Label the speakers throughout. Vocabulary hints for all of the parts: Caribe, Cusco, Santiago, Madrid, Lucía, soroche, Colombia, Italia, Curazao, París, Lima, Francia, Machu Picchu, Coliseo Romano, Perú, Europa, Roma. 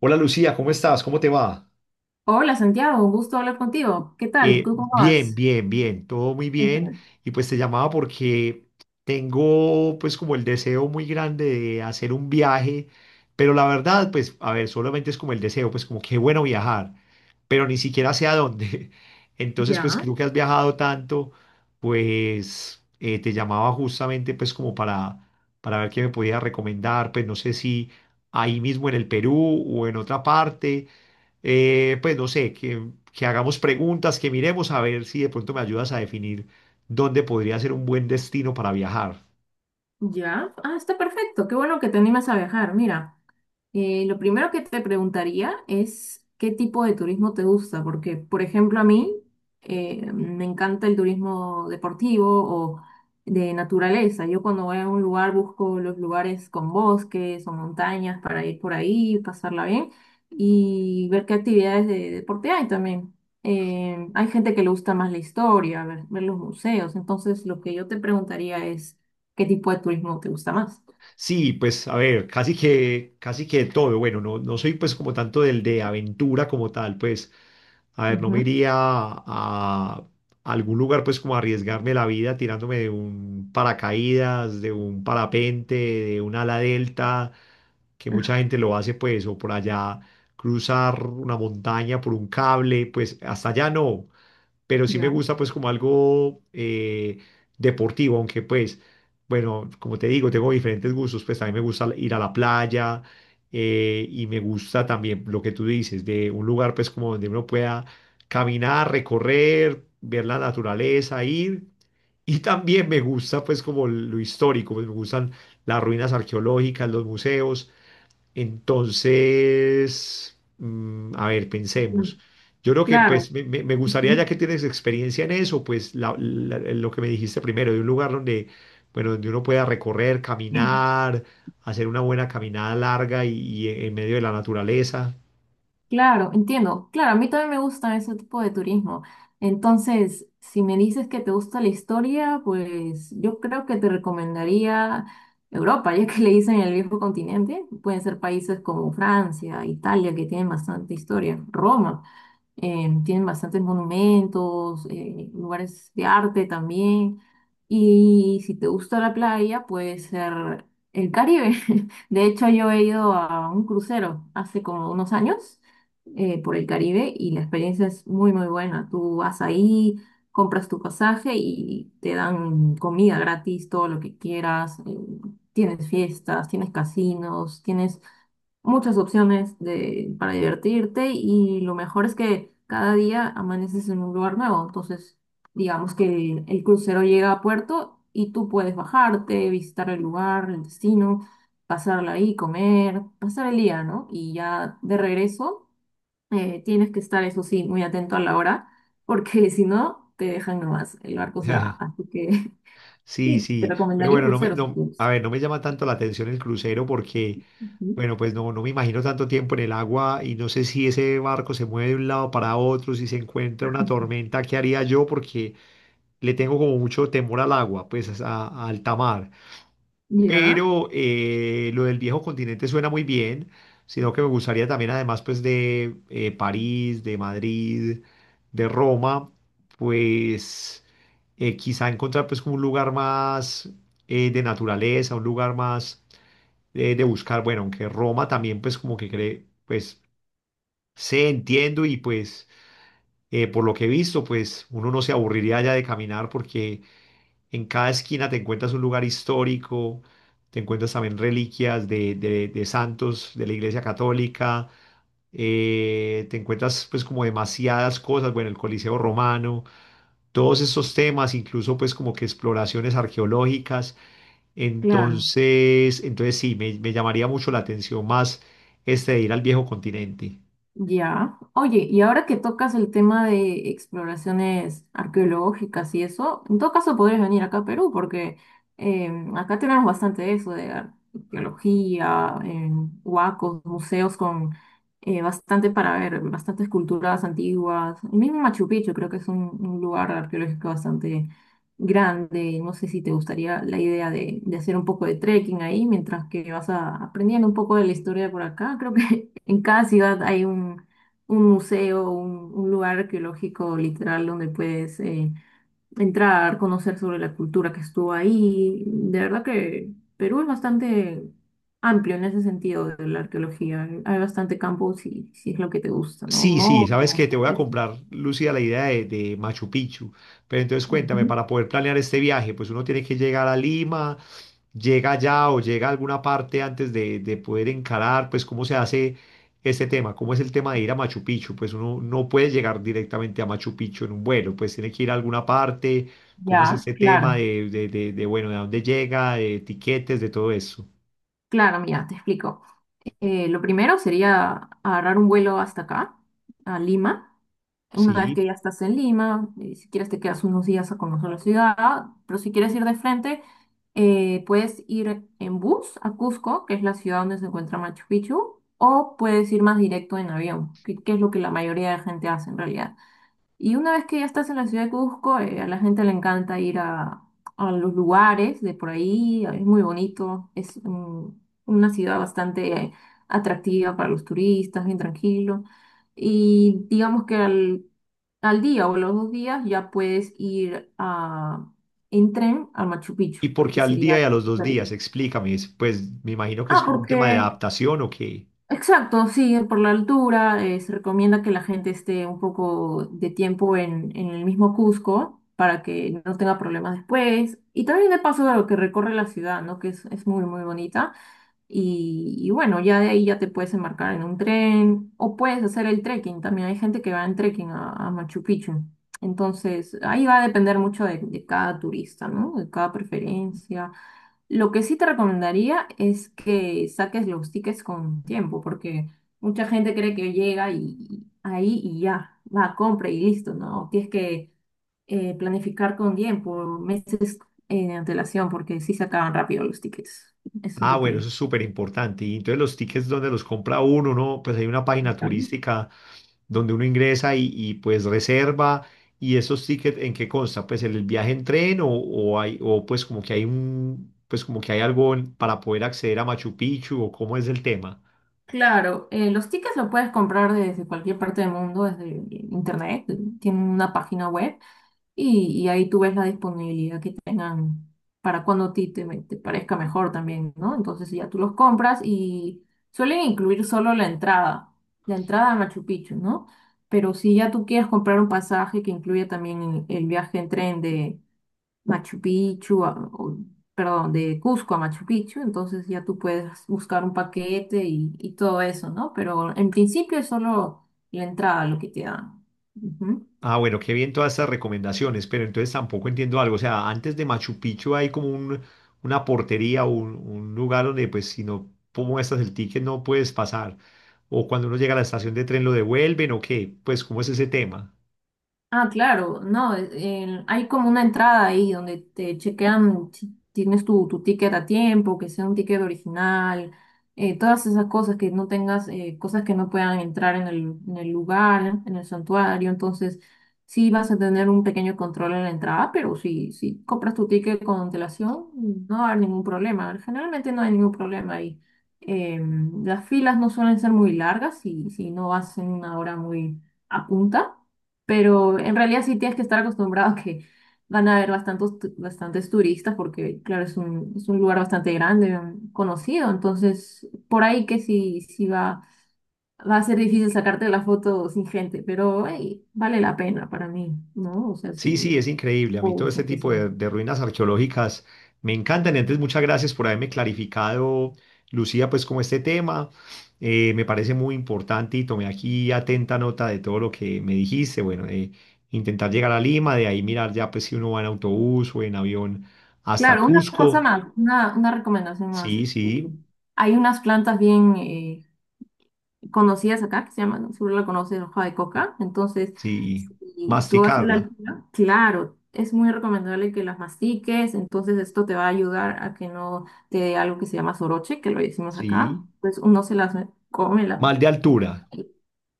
Speaker 1: Hola Lucía, ¿cómo estás? ¿Cómo te va?
Speaker 2: Hola Santiago, un gusto hablar contigo. ¿Qué tal? ¿Tú cómo
Speaker 1: Bien,
Speaker 2: vas?
Speaker 1: bien, bien, todo muy bien.
Speaker 2: Cuéntame.
Speaker 1: Y pues te llamaba porque tengo pues como el deseo muy grande de hacer un viaje, pero la verdad pues a ver, solamente es como el deseo, pues como qué bueno viajar, pero ni siquiera sé a dónde. Entonces pues
Speaker 2: Ya,
Speaker 1: creo que has viajado tanto, pues te llamaba justamente pues como para ver qué me podías recomendar, pues no sé si ahí mismo en el Perú o en otra parte pues no sé, que hagamos preguntas, que miremos a ver si de pronto me ayudas a definir dónde podría ser un buen destino para viajar.
Speaker 2: ya. Ah, está perfecto. Qué bueno que te animas a viajar. Mira, lo primero que te preguntaría es qué tipo de turismo te gusta, porque, por ejemplo, a mí me encanta el turismo deportivo o de naturaleza. Yo cuando voy a un lugar busco los lugares con bosques o montañas para ir por ahí, pasarla bien y ver qué actividades de deporte hay también. Hay gente que le gusta más la historia, ver los museos. Entonces, lo que yo te preguntaría es qué tipo de turismo te gusta más.
Speaker 1: Sí, pues a ver, casi que todo. Bueno, no, no soy pues como tanto del de aventura como tal, pues a ver, no me
Speaker 2: Ujú.
Speaker 1: iría a algún lugar pues como a arriesgarme la vida tirándome de un paracaídas, de un parapente, de un ala delta que mucha gente lo hace pues, o por allá cruzar una montaña por un cable, pues hasta allá no, pero sí me
Speaker 2: Ya.
Speaker 1: gusta pues como algo deportivo, aunque pues, bueno, como te digo, tengo diferentes gustos, pues también me gusta ir a la playa y me gusta también lo que tú dices, de un lugar pues como donde uno pueda caminar, recorrer, ver la naturaleza, ir. Y también me gusta pues como lo histórico, pues, me gustan las ruinas arqueológicas, los museos, entonces, mm, a ver, pensemos.
Speaker 2: Mm.
Speaker 1: Yo creo que
Speaker 2: Claro.
Speaker 1: pues me gustaría, ya
Speaker 2: Ujú.
Speaker 1: que tienes experiencia en eso, pues lo que me dijiste primero, de un lugar donde, bueno, donde uno pueda recorrer, caminar, hacer una buena caminada larga y en medio de la naturaleza.
Speaker 2: Claro, entiendo. Claro, a mí también me gustan ese tipo de turismo. Entonces, si me dices que te gusta la historia, pues yo creo que te recomendaría Europa, ya que le dicen el viejo continente. Pueden ser países como Francia, Italia, que tienen bastante historia. Roma, tienen bastantes monumentos, lugares de arte también. Y si te gusta la playa, puede ser el Caribe. De hecho, yo he ido a un crucero hace como unos años por el Caribe y la experiencia es muy, muy buena. Tú vas ahí, compras tu pasaje y te dan comida gratis, todo lo que quieras. Tienes fiestas, tienes casinos, tienes muchas opciones para divertirte y lo mejor es que cada día amaneces en un lugar nuevo. Entonces, digamos que el crucero llega a puerto y tú puedes bajarte, visitar el lugar, el destino, pasarla ahí, comer, pasar el día, ¿no? Y ya de regreso tienes que estar, eso sí, muy atento a la hora, porque si no, te dejan nomás, el barco se va. Así que
Speaker 1: Sí,
Speaker 2: sí, te
Speaker 1: sí, pero
Speaker 2: recomendaría un
Speaker 1: bueno,
Speaker 2: crucero si
Speaker 1: no, a
Speaker 2: puedes.
Speaker 1: ver, no me llama tanto la atención el crucero porque,
Speaker 2: Ujú.
Speaker 1: bueno, pues no, no me imagino tanto tiempo en el agua y no sé si ese barco se mueve de un lado para otro, si se encuentra una tormenta, ¿qué haría yo? Porque le tengo como mucho temor al agua, pues a alta mar
Speaker 2: Ya,
Speaker 1: pero lo del viejo continente suena muy bien, sino que me gustaría también, además, pues de París, de Madrid, de Roma, pues quizá encontrar pues como un lugar más de naturaleza, un lugar más de buscar, bueno, aunque Roma también pues como que cree, pues sé, entiendo y pues por lo que he visto, pues uno no se aburriría ya de caminar porque en cada esquina te encuentras un lugar histórico, te encuentras también reliquias de, de santos de la Iglesia Católica, te encuentras pues como demasiadas cosas, bueno, el Coliseo Romano, todos estos temas, incluso pues como que exploraciones arqueológicas.
Speaker 2: claro.
Speaker 1: Entonces sí, me llamaría mucho la atención más este de ir al viejo continente.
Speaker 2: Ya. Oye, y ahora que tocas el tema de exploraciones arqueológicas y eso, en todo caso podrías venir acá a Perú, porque acá tenemos bastante de eso, de arqueología, huacos, museos con bastante para ver, bastantes culturas antiguas. El mismo Machu Picchu creo que es un lugar arqueológico bastante grande. No sé si te gustaría la idea de hacer un poco de trekking ahí mientras que vas a, aprendiendo un poco de la historia por acá. Creo que en cada ciudad hay un museo, un lugar arqueológico literal donde puedes entrar, conocer sobre la cultura que estuvo ahí. De verdad que Perú es bastante amplio en ese sentido de la arqueología. Hay bastante campo si, si es lo que te gusta, ¿no?
Speaker 1: Sí, sí,
Speaker 2: Monos,
Speaker 1: sabes que te
Speaker 2: todo
Speaker 1: voy a
Speaker 2: eso.
Speaker 1: comprar, Lucía, la idea de Machu Picchu. Pero entonces cuéntame,
Speaker 2: Ujú.
Speaker 1: para poder planear este viaje, pues uno tiene que llegar a Lima, llega allá o llega a alguna parte antes de poder encarar, pues cómo se hace este tema, cómo es el tema de ir a Machu Picchu. Pues uno no puede llegar directamente a Machu Picchu en un vuelo, pues tiene que ir a alguna parte, cómo es
Speaker 2: Ya,
Speaker 1: este tema
Speaker 2: claro.
Speaker 1: de, bueno, de dónde llega, de etiquetes, de todo eso.
Speaker 2: Claro, mira, te explico. Lo primero sería agarrar un vuelo hasta acá, a Lima. Una vez
Speaker 1: Sí.
Speaker 2: que ya estás en Lima, si quieres te quedas unos días a conocer la ciudad, pero si quieres ir de frente, puedes ir en bus a Cusco, que es la ciudad donde se encuentra Machu Picchu, o puedes ir más directo en avión, que es lo que la mayoría de gente hace en realidad. Y una vez que ya estás en la ciudad de Cusco, a la gente le encanta ir a los lugares de por ahí, es muy bonito, es mm, una ciudad bastante atractiva para los turistas, bien tranquilo. Y digamos que al, al día o los dos días ya puedes ir a, en tren a Machu Picchu,
Speaker 1: ¿Y por
Speaker 2: lo
Speaker 1: qué
Speaker 2: que
Speaker 1: al día
Speaker 2: sería...
Speaker 1: y a los dos días? Explícame. Pues me imagino que es
Speaker 2: Ah,
Speaker 1: como un tema de
Speaker 2: porque
Speaker 1: adaptación o qué.
Speaker 2: exacto, sí, por la altura, se recomienda que la gente esté un poco de tiempo en el mismo Cusco para que no tenga problemas después. Y también de paso a lo que recorre la ciudad, ¿no? Que es muy, muy bonita. Y bueno, ya de ahí ya te puedes embarcar en un tren o puedes hacer el trekking. También hay gente que va en trekking a Machu Picchu. Entonces, ahí va a depender mucho de cada turista, ¿no? De cada preferencia. Lo que sí te recomendaría es que saques los tickets con tiempo, porque mucha gente cree que llega y ahí y ya, va, compra y listo, ¿no? Tienes que planificar con tiempo, meses en antelación, porque sí se acaban rápido los tickets. Eso es
Speaker 1: Ah,
Speaker 2: lo
Speaker 1: bueno, eso
Speaker 2: que...
Speaker 1: es súper importante. Y entonces los tickets donde los compra uno, ¿no? Pues hay una página
Speaker 2: Ujú.
Speaker 1: turística donde uno ingresa y, pues reserva. ¿Y esos tickets en qué consta? Pues el viaje en tren o hay, o pues como que hay un, pues como que hay algo para poder acceder a Machu Picchu o cómo es el tema.
Speaker 2: Claro, los tickets los puedes comprar desde cualquier parte del mundo, desde internet, tienen una página web. Y ahí tú ves la disponibilidad que tengan para cuando a ti te parezca mejor también, ¿no? Entonces ya tú los compras y suelen incluir solo la entrada a Machu Picchu, ¿no? Pero si ya tú quieres comprar un pasaje que incluya también el viaje en tren de Machu Picchu, a- o- perdón, de Cusco a Machu Picchu, entonces ya tú puedes buscar un paquete y todo eso, ¿no? Pero en principio es solo la entrada lo que te dan.
Speaker 1: Ah, bueno, qué bien todas estas recomendaciones, pero entonces tampoco entiendo algo. O sea, antes de Machu Picchu hay como un, una portería, un lugar donde pues si no muestras el ticket no puedes pasar. O cuando uno llega a la estación de tren lo devuelven o qué, pues ¿cómo es ese tema?
Speaker 2: Ah, claro, no, hay como una entrada ahí donde te chequean si tienes tu ticket a tiempo, que sea un ticket original, todas esas cosas que no tengas, cosas que no puedan entrar en el lugar, en el santuario, entonces sí vas a tener un pequeño control en la entrada, pero si, si compras tu ticket con antelación, no va a haber ningún problema, generalmente no hay ningún problema ahí. Las filas no suelen ser muy largas si, si no vas en una hora muy a punta. Pero en realidad sí tienes que estar acostumbrado a que van a haber bastantes turistas porque, claro, es es un lugar bastante grande, conocido. Entonces, por ahí que sí, sí va, va a ser difícil sacarte la foto sin gente, pero hey, vale la pena para mí, ¿no? O sea,
Speaker 1: Sí,
Speaker 2: sí,
Speaker 1: sí, es increíble. A mí todo este
Speaker 2: ojo que
Speaker 1: tipo
Speaker 2: sí.
Speaker 1: de ruinas arqueológicas me encantan. Y antes, muchas gracias por haberme clarificado, Lucía, pues como este tema. Me parece muy importante y tomé aquí atenta nota de todo lo que me dijiste. Bueno, de intentar llegar a Lima, de ahí mirar ya pues si uno va en autobús o en avión hasta
Speaker 2: Claro, una
Speaker 1: Cusco.
Speaker 2: cosa más, una recomendación más.
Speaker 1: Sí, sí,
Speaker 2: Hay unas plantas bien, conocidas acá, que se llaman, seguro la conoces, hoja de coca. Entonces,
Speaker 1: sí.
Speaker 2: si tú vas a la
Speaker 1: Masticarla.
Speaker 2: altura, claro, es muy recomendable que las mastiques. Entonces, esto te va a ayudar a que no te dé algo que se llama soroche, que lo decimos acá.
Speaker 1: Sí.
Speaker 2: Pues uno se las come, la,
Speaker 1: Mal de altura.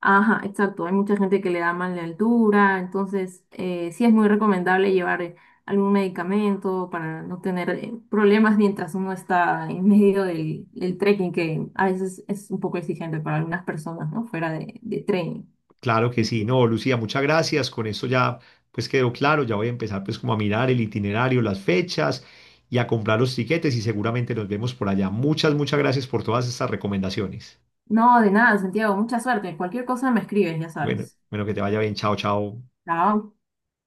Speaker 2: ajá, exacto. Hay mucha gente que le da mal de altura, entonces sí es muy recomendable llevar algún medicamento para no tener problemas mientras uno está en medio del, del trekking, que a veces es un poco exigente para algunas personas, ¿no? Fuera de trekking.
Speaker 1: Claro que
Speaker 2: Y-
Speaker 1: sí, no, Lucía, muchas gracias. Con esto ya pues quedó claro, ya voy a empezar pues como a mirar el itinerario, las fechas y a comprar los tiquetes y seguramente nos vemos por allá. Muchas, muchas gracias por todas estas recomendaciones.
Speaker 2: no, de nada, Santiago. Mucha suerte. Cualquier cosa me escribes, ya
Speaker 1: Bueno,
Speaker 2: sabes.
Speaker 1: bueno, que te vaya bien. Chao, chao.
Speaker 2: Chao.